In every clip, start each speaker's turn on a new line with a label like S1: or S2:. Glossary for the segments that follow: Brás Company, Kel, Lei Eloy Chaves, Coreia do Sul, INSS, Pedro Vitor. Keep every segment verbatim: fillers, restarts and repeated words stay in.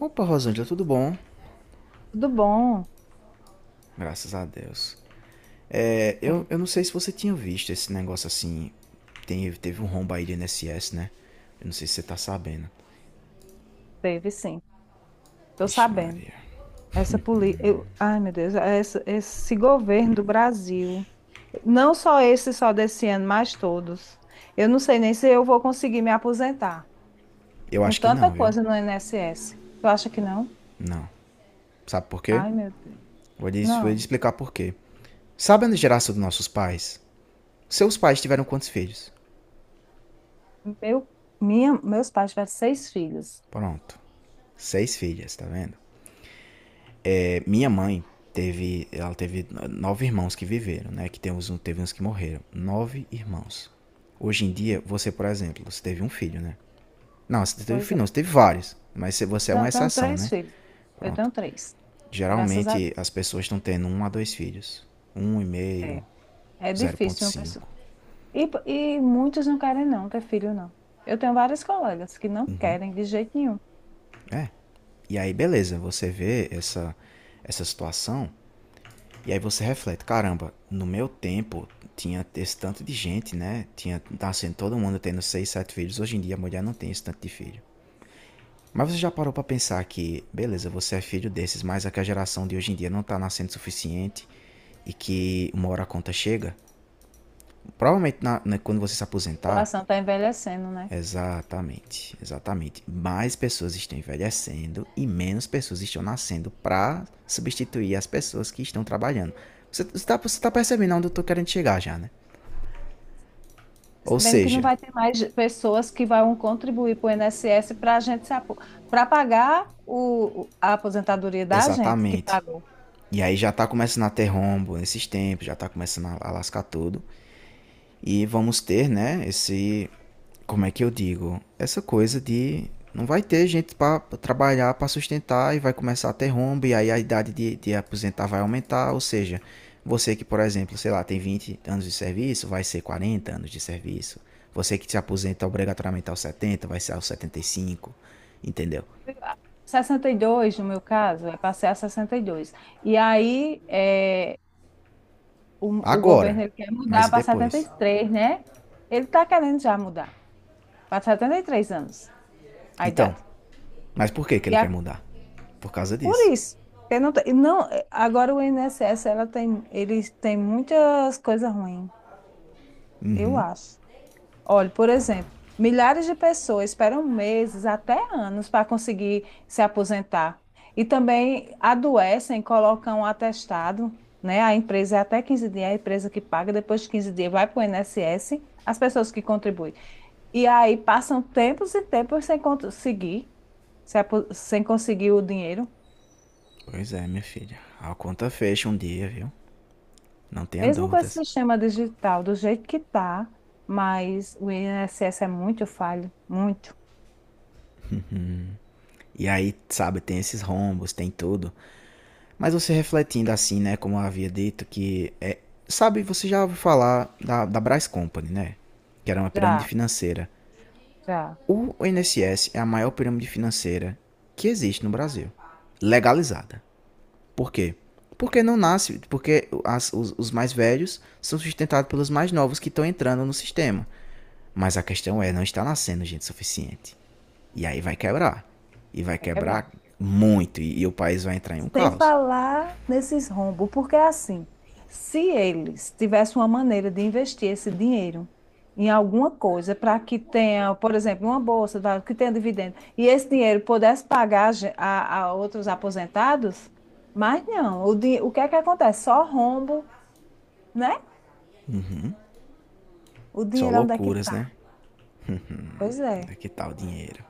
S1: Opa, Rosângela, tudo bom?
S2: Tudo bom?
S1: Graças a Deus. É, eu,
S2: Sim,
S1: eu não sei se você tinha visto esse negócio assim. Tem, teve um rombo aí de I N S S, né? Eu não sei se você tá sabendo.
S2: teve sim. Estou
S1: Ixi,
S2: sabendo.
S1: Maria.
S2: Essa política. Ai, meu Deus, essa- esse governo do Brasil. Não só esse, só desse ano, mas todos. Eu não sei nem se eu vou conseguir me aposentar.
S1: Eu
S2: Com
S1: acho que
S2: tanta
S1: não, viu?
S2: coisa no I N S S. Tu acha que não?
S1: Não. Sabe por quê?
S2: Ai, meu Deus.
S1: Vou lhe, vou lhe
S2: Não.
S1: explicar por quê. Sabe a geração dos nossos pais? Seus pais tiveram quantos filhos?
S2: Meu, minha, meus pais tiveram seis filhos.
S1: Pronto. Seis filhas, tá vendo? É, minha mãe teve, ela teve nove irmãos que viveram, né? Que tem uns, teve uns que morreram. Nove irmãos. Hoje em dia, você, por exemplo, você teve um filho, né? Não, você teve um
S2: Pois
S1: filho, não,
S2: é.
S1: você teve vários. Mas você é
S2: Não,
S1: uma
S2: eu tenho
S1: exceção,
S2: três
S1: né?
S2: filhos. Eu
S1: Pronto.
S2: tenho três. Graças a
S1: Geralmente
S2: Deus.
S1: as pessoas estão tendo um a dois filhos. Um e
S2: É,
S1: meio,
S2: é
S1: zero ponto
S2: difícil uma pessoa.
S1: cinco.
S2: E, e muitos não querem não ter filho, não. Eu tenho várias colegas que não querem de jeito nenhum. A
S1: É. E aí, beleza, você vê essa, essa situação. E aí você reflete, caramba, no meu tempo tinha esse tanto de gente, né? Tinha nascendo todo mundo tendo seis, sete filhos. Hoje em dia a mulher não tem esse tanto de filho. Mas você já parou para pensar que, beleza, você é filho desses, mas é que a geração de hoje em dia não tá nascendo o suficiente e que uma hora a conta chega? Provavelmente na, na, quando você se aposentar.
S2: população está envelhecendo, né?
S1: Exatamente, exatamente. Mais pessoas estão envelhecendo e menos pessoas estão nascendo para substituir as pessoas que estão trabalhando. Você está você tá percebendo onde eu estou querendo chegar já, né? Ou
S2: Percebendo que não
S1: seja,
S2: vai ter mais pessoas que vão contribuir para o I N S S para a gente se apo... para pagar o... a aposentadoria da gente que
S1: exatamente.
S2: pagou.
S1: E aí já está começando a ter rombo nesses tempos, já está começando a lascar tudo. E vamos ter, né, esse. Como é que eu digo? Essa coisa de. Não vai ter gente para trabalhar, para sustentar e vai começar a ter rombo e aí a idade de, de aposentar vai aumentar. Ou seja, você que, por exemplo, sei lá, tem vinte anos de serviço, vai ser quarenta anos de serviço. Você que se aposenta obrigatoriamente aos setenta vai ser aos setenta e cinco, entendeu?
S2: Sessenta e dois no meu caso, é, passei a sessenta e dois. e aí é, o, o
S1: Agora,
S2: governo ele quer
S1: mas
S2: mudar
S1: e
S2: para setenta e
S1: depois?
S2: três né? Ele está querendo já mudar para setenta e três anos a
S1: Então,
S2: idade.
S1: mas por que que
S2: E
S1: ele quer mudar? Por causa
S2: Por
S1: disso.
S2: isso, porque não, tem- não, é, agora o I N S S ela tem, eles têm muitas coisas ruins, eu acho. Olha, por exemplo, milhares de pessoas esperam meses, até anos, para conseguir se aposentar. E também adoecem, colocam um atestado, né? A empresa é até quinze dias, a empresa que paga, depois de quinze dias vai para o I N S S, as pessoas que contribuem. E aí passam tempos e tempos sem conseguir, se apo- sem conseguir o dinheiro.
S1: Pois é, minha filha. A conta fecha um dia, viu? Não tenha
S2: Mesmo com esse
S1: dúvidas.
S2: sistema digital, do jeito que está, mas o I N S S é muito falho, muito.
S1: E aí, sabe, tem esses rombos, tem tudo. Mas você refletindo assim, né? Como eu havia dito, que é. Sabe, você já ouviu falar da, da Brás Company, né? Que era uma pirâmide
S2: Já,
S1: financeira.
S2: já.
S1: O I N S S é a maior pirâmide financeira que existe no Brasil. Legalizada. Por quê? Porque não nasce, porque as- os, os mais velhos são sustentados pelos mais novos que estão entrando no sistema. Mas a questão é, não está nascendo gente suficiente. E aí vai quebrar. E vai
S2: Vai quebrar.
S1: quebrar muito. E, e o país vai entrar em um
S2: Sem
S1: caos.
S2: falar nesses rombos, porque é assim, se eles tivessem uma maneira de investir esse dinheiro em alguma coisa para que tenha, por exemplo, uma bolsa, tá, que tenha dividendo, e esse dinheiro pudesse pagar ge- a, a outros aposentados, mas não. O, di- o que é que acontece? Só rombo, né? O
S1: Só
S2: dinheiro onde é que
S1: loucuras,
S2: está?
S1: né?
S2: Pois é.
S1: É que tal o dinheiro?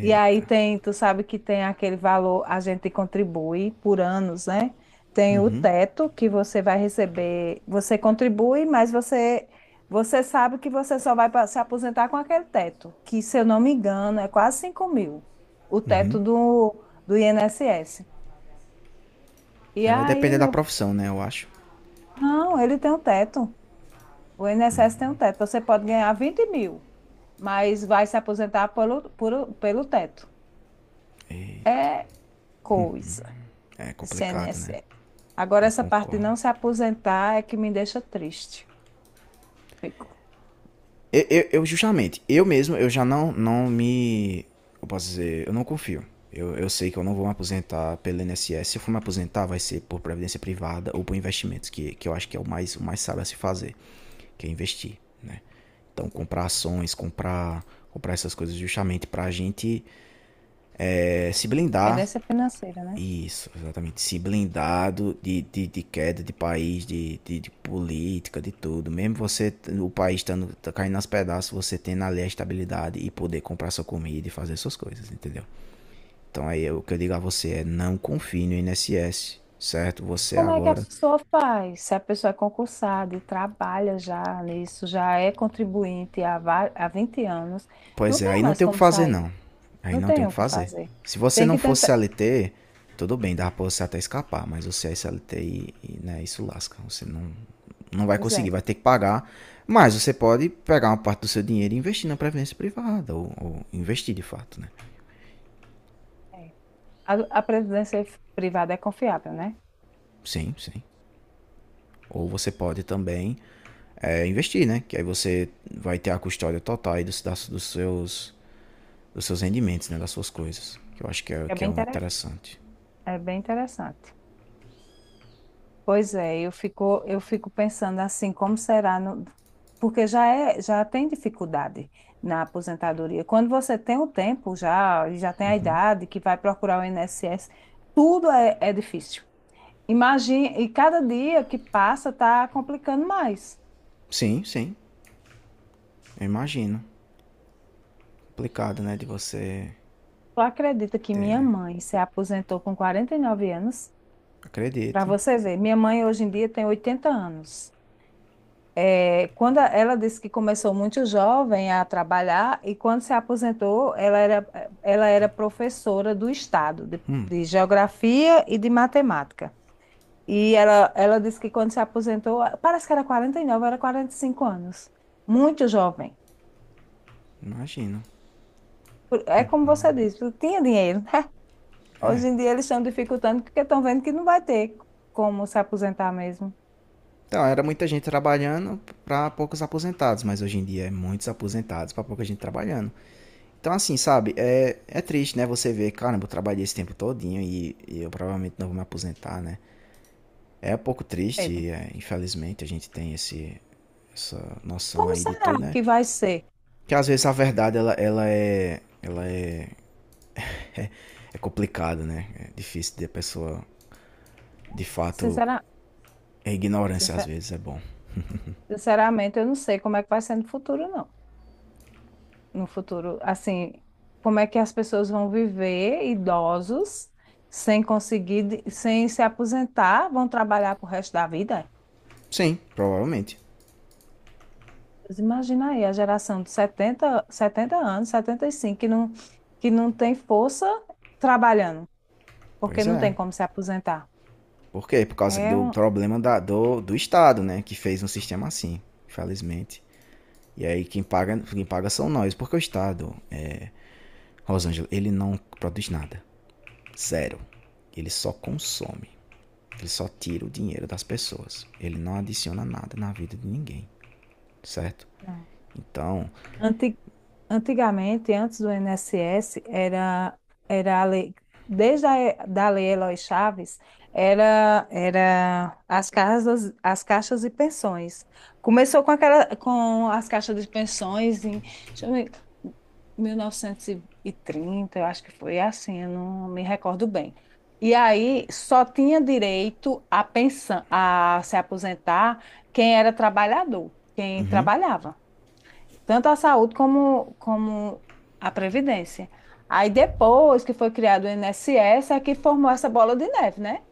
S2: E aí tem, tu sabe que tem aquele valor, a gente contribui por anos, né? Tem o teto que você vai receber, você contribui, mas você você sabe que você só vai pa- se aposentar com aquele teto, que se eu não me engano é quase cinco mil, o teto do, do I N S S. E
S1: É, vai
S2: aí,
S1: depender da
S2: meu, fi-
S1: profissão, né? Eu acho.
S2: não, ele tem um teto, o I N S S tem um teto, você pode ganhar vinte mil, mas vai se aposentar pelo, por, pelo teto.
S1: E
S2: É coisa,
S1: é
S2: esse
S1: complicado, né?
S2: I N S S. Agora,
S1: Eu
S2: essa parte de
S1: concordo.
S2: não se aposentar é que me deixa triste.
S1: Eu, eu- eu, justamente, eu mesmo, eu já não, não me. Eu posso dizer, eu não confio. Eu, eu sei que eu não vou me aposentar pelo I N S S. Se eu for me aposentar, vai ser por previdência privada ou por investimentos, que, que eu acho que é o mais, o mais sábio a se fazer, que é investir, né? Então, comprar ações, comprar, comprar essas coisas justamente pra gente eh, se blindar.
S2: Dependência financeira, né?
S1: Isso, exatamente. Se blindado de, de, de queda de país, de, de, de política, de tudo. Mesmo você, o país estando tá caindo aos pedaços, você tendo ali a estabilidade e poder comprar sua comida e fazer suas coisas, entendeu? Então aí o que eu digo a você é não confie no I N S S, certo?
S2: Mas
S1: Você
S2: como é que a
S1: agora.
S2: pessoa faz? Se a pessoa é concursada e trabalha já nisso, já é contribuinte há, va- há vinte anos,
S1: Pois
S2: não
S1: é, aí
S2: tenho
S1: não
S2: mais
S1: tem o que
S2: como
S1: fazer,
S2: sair,
S1: não. Aí
S2: não
S1: não tem o
S2: tenho
S1: que
S2: o que
S1: fazer.
S2: fazer.
S1: Se você
S2: Tem
S1: não
S2: que
S1: fosse
S2: tentar.
S1: C L T, tudo bem, dá pra você até escapar, mas você é C L T e, e, né, isso lasca. Você não, não vai
S2: Pois
S1: conseguir,
S2: é.
S1: vai ter que pagar. Mas você pode pegar uma parte do seu dinheiro e investir na previdência privada, ou, ou investir de fato, né?
S2: É. A, a previdência privada é confiável, né?
S1: Sim, sim. Ou você pode também é, investir, né? Que aí você vai ter a custódia total aí dos, das- dos, seus, dos seus rendimentos, né? Das suas coisas. Que eu acho que é,
S2: É
S1: que é
S2: bem,
S1: um
S2: intere-
S1: interessante.
S2: é bem interessante. Pois é, eu fico, eu fico pensando assim, como será, no- porque já é, já tem dificuldade na aposentadoria. Quando você tem o tempo já, e já tem a idade que vai procurar o I N S S, tudo é, é difícil. Imagine, e cada dia que passa está complicando mais.
S1: Sim, sim. Eu imagino. Complicado, né? De você.
S2: Tu acredita que minha mãe se aposentou com quarenta e nove anos? Para
S1: Acredito,
S2: você ver, minha mãe hoje em dia tem oitenta anos. É, quando a- ela disse que começou muito jovem a trabalhar e quando se aposentou, ela era, ela era professora do Estado de, de Geografia e de Matemática. E ela, ela disse que quando se aposentou, parece que era quarenta e nove, era quarenta e cinco anos. Muito jovem.
S1: imagino.
S2: Por- É como você disse, tu tinha dinheiro, né?
S1: É.
S2: Hoje em dia eles estão dificultando porque estão vendo que não vai ter como se aposentar mesmo.
S1: Então, era muita gente trabalhando para poucos aposentados, mas hoje em dia é muitos aposentados para pouca gente trabalhando. Então, assim, sabe, é, é triste, né? Você ver, caramba, eu trabalhei esse tempo todinho e, e eu provavelmente não vou me aposentar, né? É um pouco
S2: Cedo.
S1: triste, é, infelizmente, a gente tem esse, essa noção
S2: Como
S1: aí de
S2: será
S1: tudo, né?
S2: que vai ser?
S1: Que às vezes a verdade, ela, ela é ela é, é complicada, né? É difícil de a pessoa, de fato,
S2: Sincera-
S1: a ignorância às
S2: sincer-
S1: vezes é bom.
S2: sinceramente, eu não sei como é que vai ser no futuro, não. No futuro, assim, como é que as pessoas vão viver idosos sem conseguir, de- sem se aposentar, vão trabalhar pro resto da vida?
S1: Sim, provavelmente.
S2: Mas imagina aí a geração de setenta setenta anos, setenta e cinco que não, que não tem força trabalhando, porque
S1: Pois
S2: não tem
S1: é.
S2: como se aposentar.
S1: Por quê? Por causa
S2: É
S1: do
S2: um,
S1: problema da- do, do Estado, né? Que fez um sistema assim, infelizmente. E aí quem paga, quem paga são nós. Porque o Estado, é, Rosângela, ele não produz nada. Zero. Ele só consome. Ele só tira o dinheiro das pessoas. Ele não adiciona nada na vida de ninguém, certo?
S2: não.
S1: Então,
S2: Anti- Antigamente, antes do I N S S, era, era a lei, desde a da Lei Eloy Chaves, era, era as casas, as caixas de pensões. Começou com aquela, com as caixas de pensões em, deixa eu ver, mil novecentos e trinta, eu acho que foi assim, eu não me recordo bem. E aí só tinha direito a pensão, a se aposentar quem era trabalhador, quem trabalhava tanto a saúde como, como a previdência. Aí depois que foi criado o I N S S, é que formou essa bola de neve, né?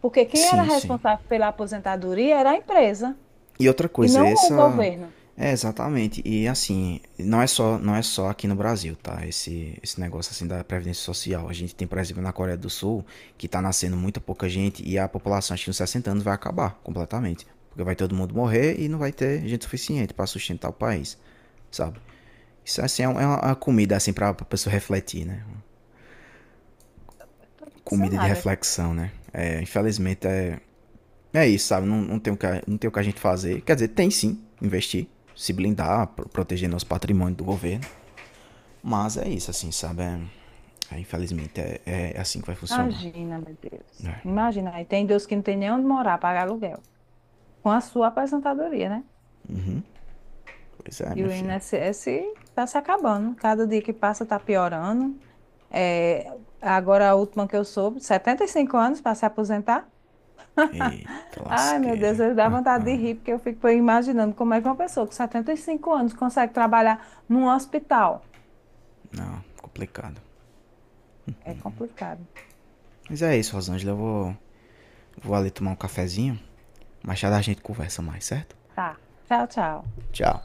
S2: Porque quem era
S1: sim, sim.
S2: responsável pela aposentadoria era a empresa
S1: E outra
S2: e
S1: coisa,
S2: não o
S1: essa
S2: governo.
S1: é exatamente. E assim, não é só, não é só aqui no Brasil, tá? Esse, esse negócio assim da previdência social. A gente tem, por exemplo, na Coreia do Sul, que tá nascendo muita pouca gente e a população, acho que nos sessenta anos vai acabar completamente, porque vai todo mundo morrer e não vai ter gente suficiente para sustentar o país, sabe? Isso assim é um, é uma, é comida assim para a pessoa refletir, né?
S2: Eu estou
S1: Comida de
S2: impressionada.
S1: reflexão, né? É, infelizmente é. É isso, sabe? Não, não, tem o que, não tem o que a gente fazer. Quer dizer, tem sim, investir, se blindar, pro- proteger nosso patrimônio do governo. Mas é isso, assim, sabe? É- é, infelizmente é, é assim que vai funcionar.
S2: Imagina, meu Deus.
S1: É.
S2: Imagina, aí tem Deus que não tem nem onde morar, pagar aluguel. Com a sua aposentadoria, né?
S1: Pois é,
S2: E
S1: minha
S2: o
S1: filha.
S2: I N S S está se acabando. Cada dia que passa está piorando. É, agora, a última que eu soube, setenta e cinco anos para se aposentar.
S1: Eita
S2: Ai, meu Deus,
S1: lasqueira.
S2: eu dá
S1: Ah,
S2: vontade de rir, porque eu fico imaginando como é que uma pessoa com setenta e cinco anos consegue trabalhar num hospital.
S1: não, complicado.
S2: É complicado.
S1: Mas é isso, Rosângela. Eu vou, vou ali tomar um cafezinho. Mais tarde a gente conversa mais, certo?
S2: Tá. Tchau, tchau.
S1: Tchau.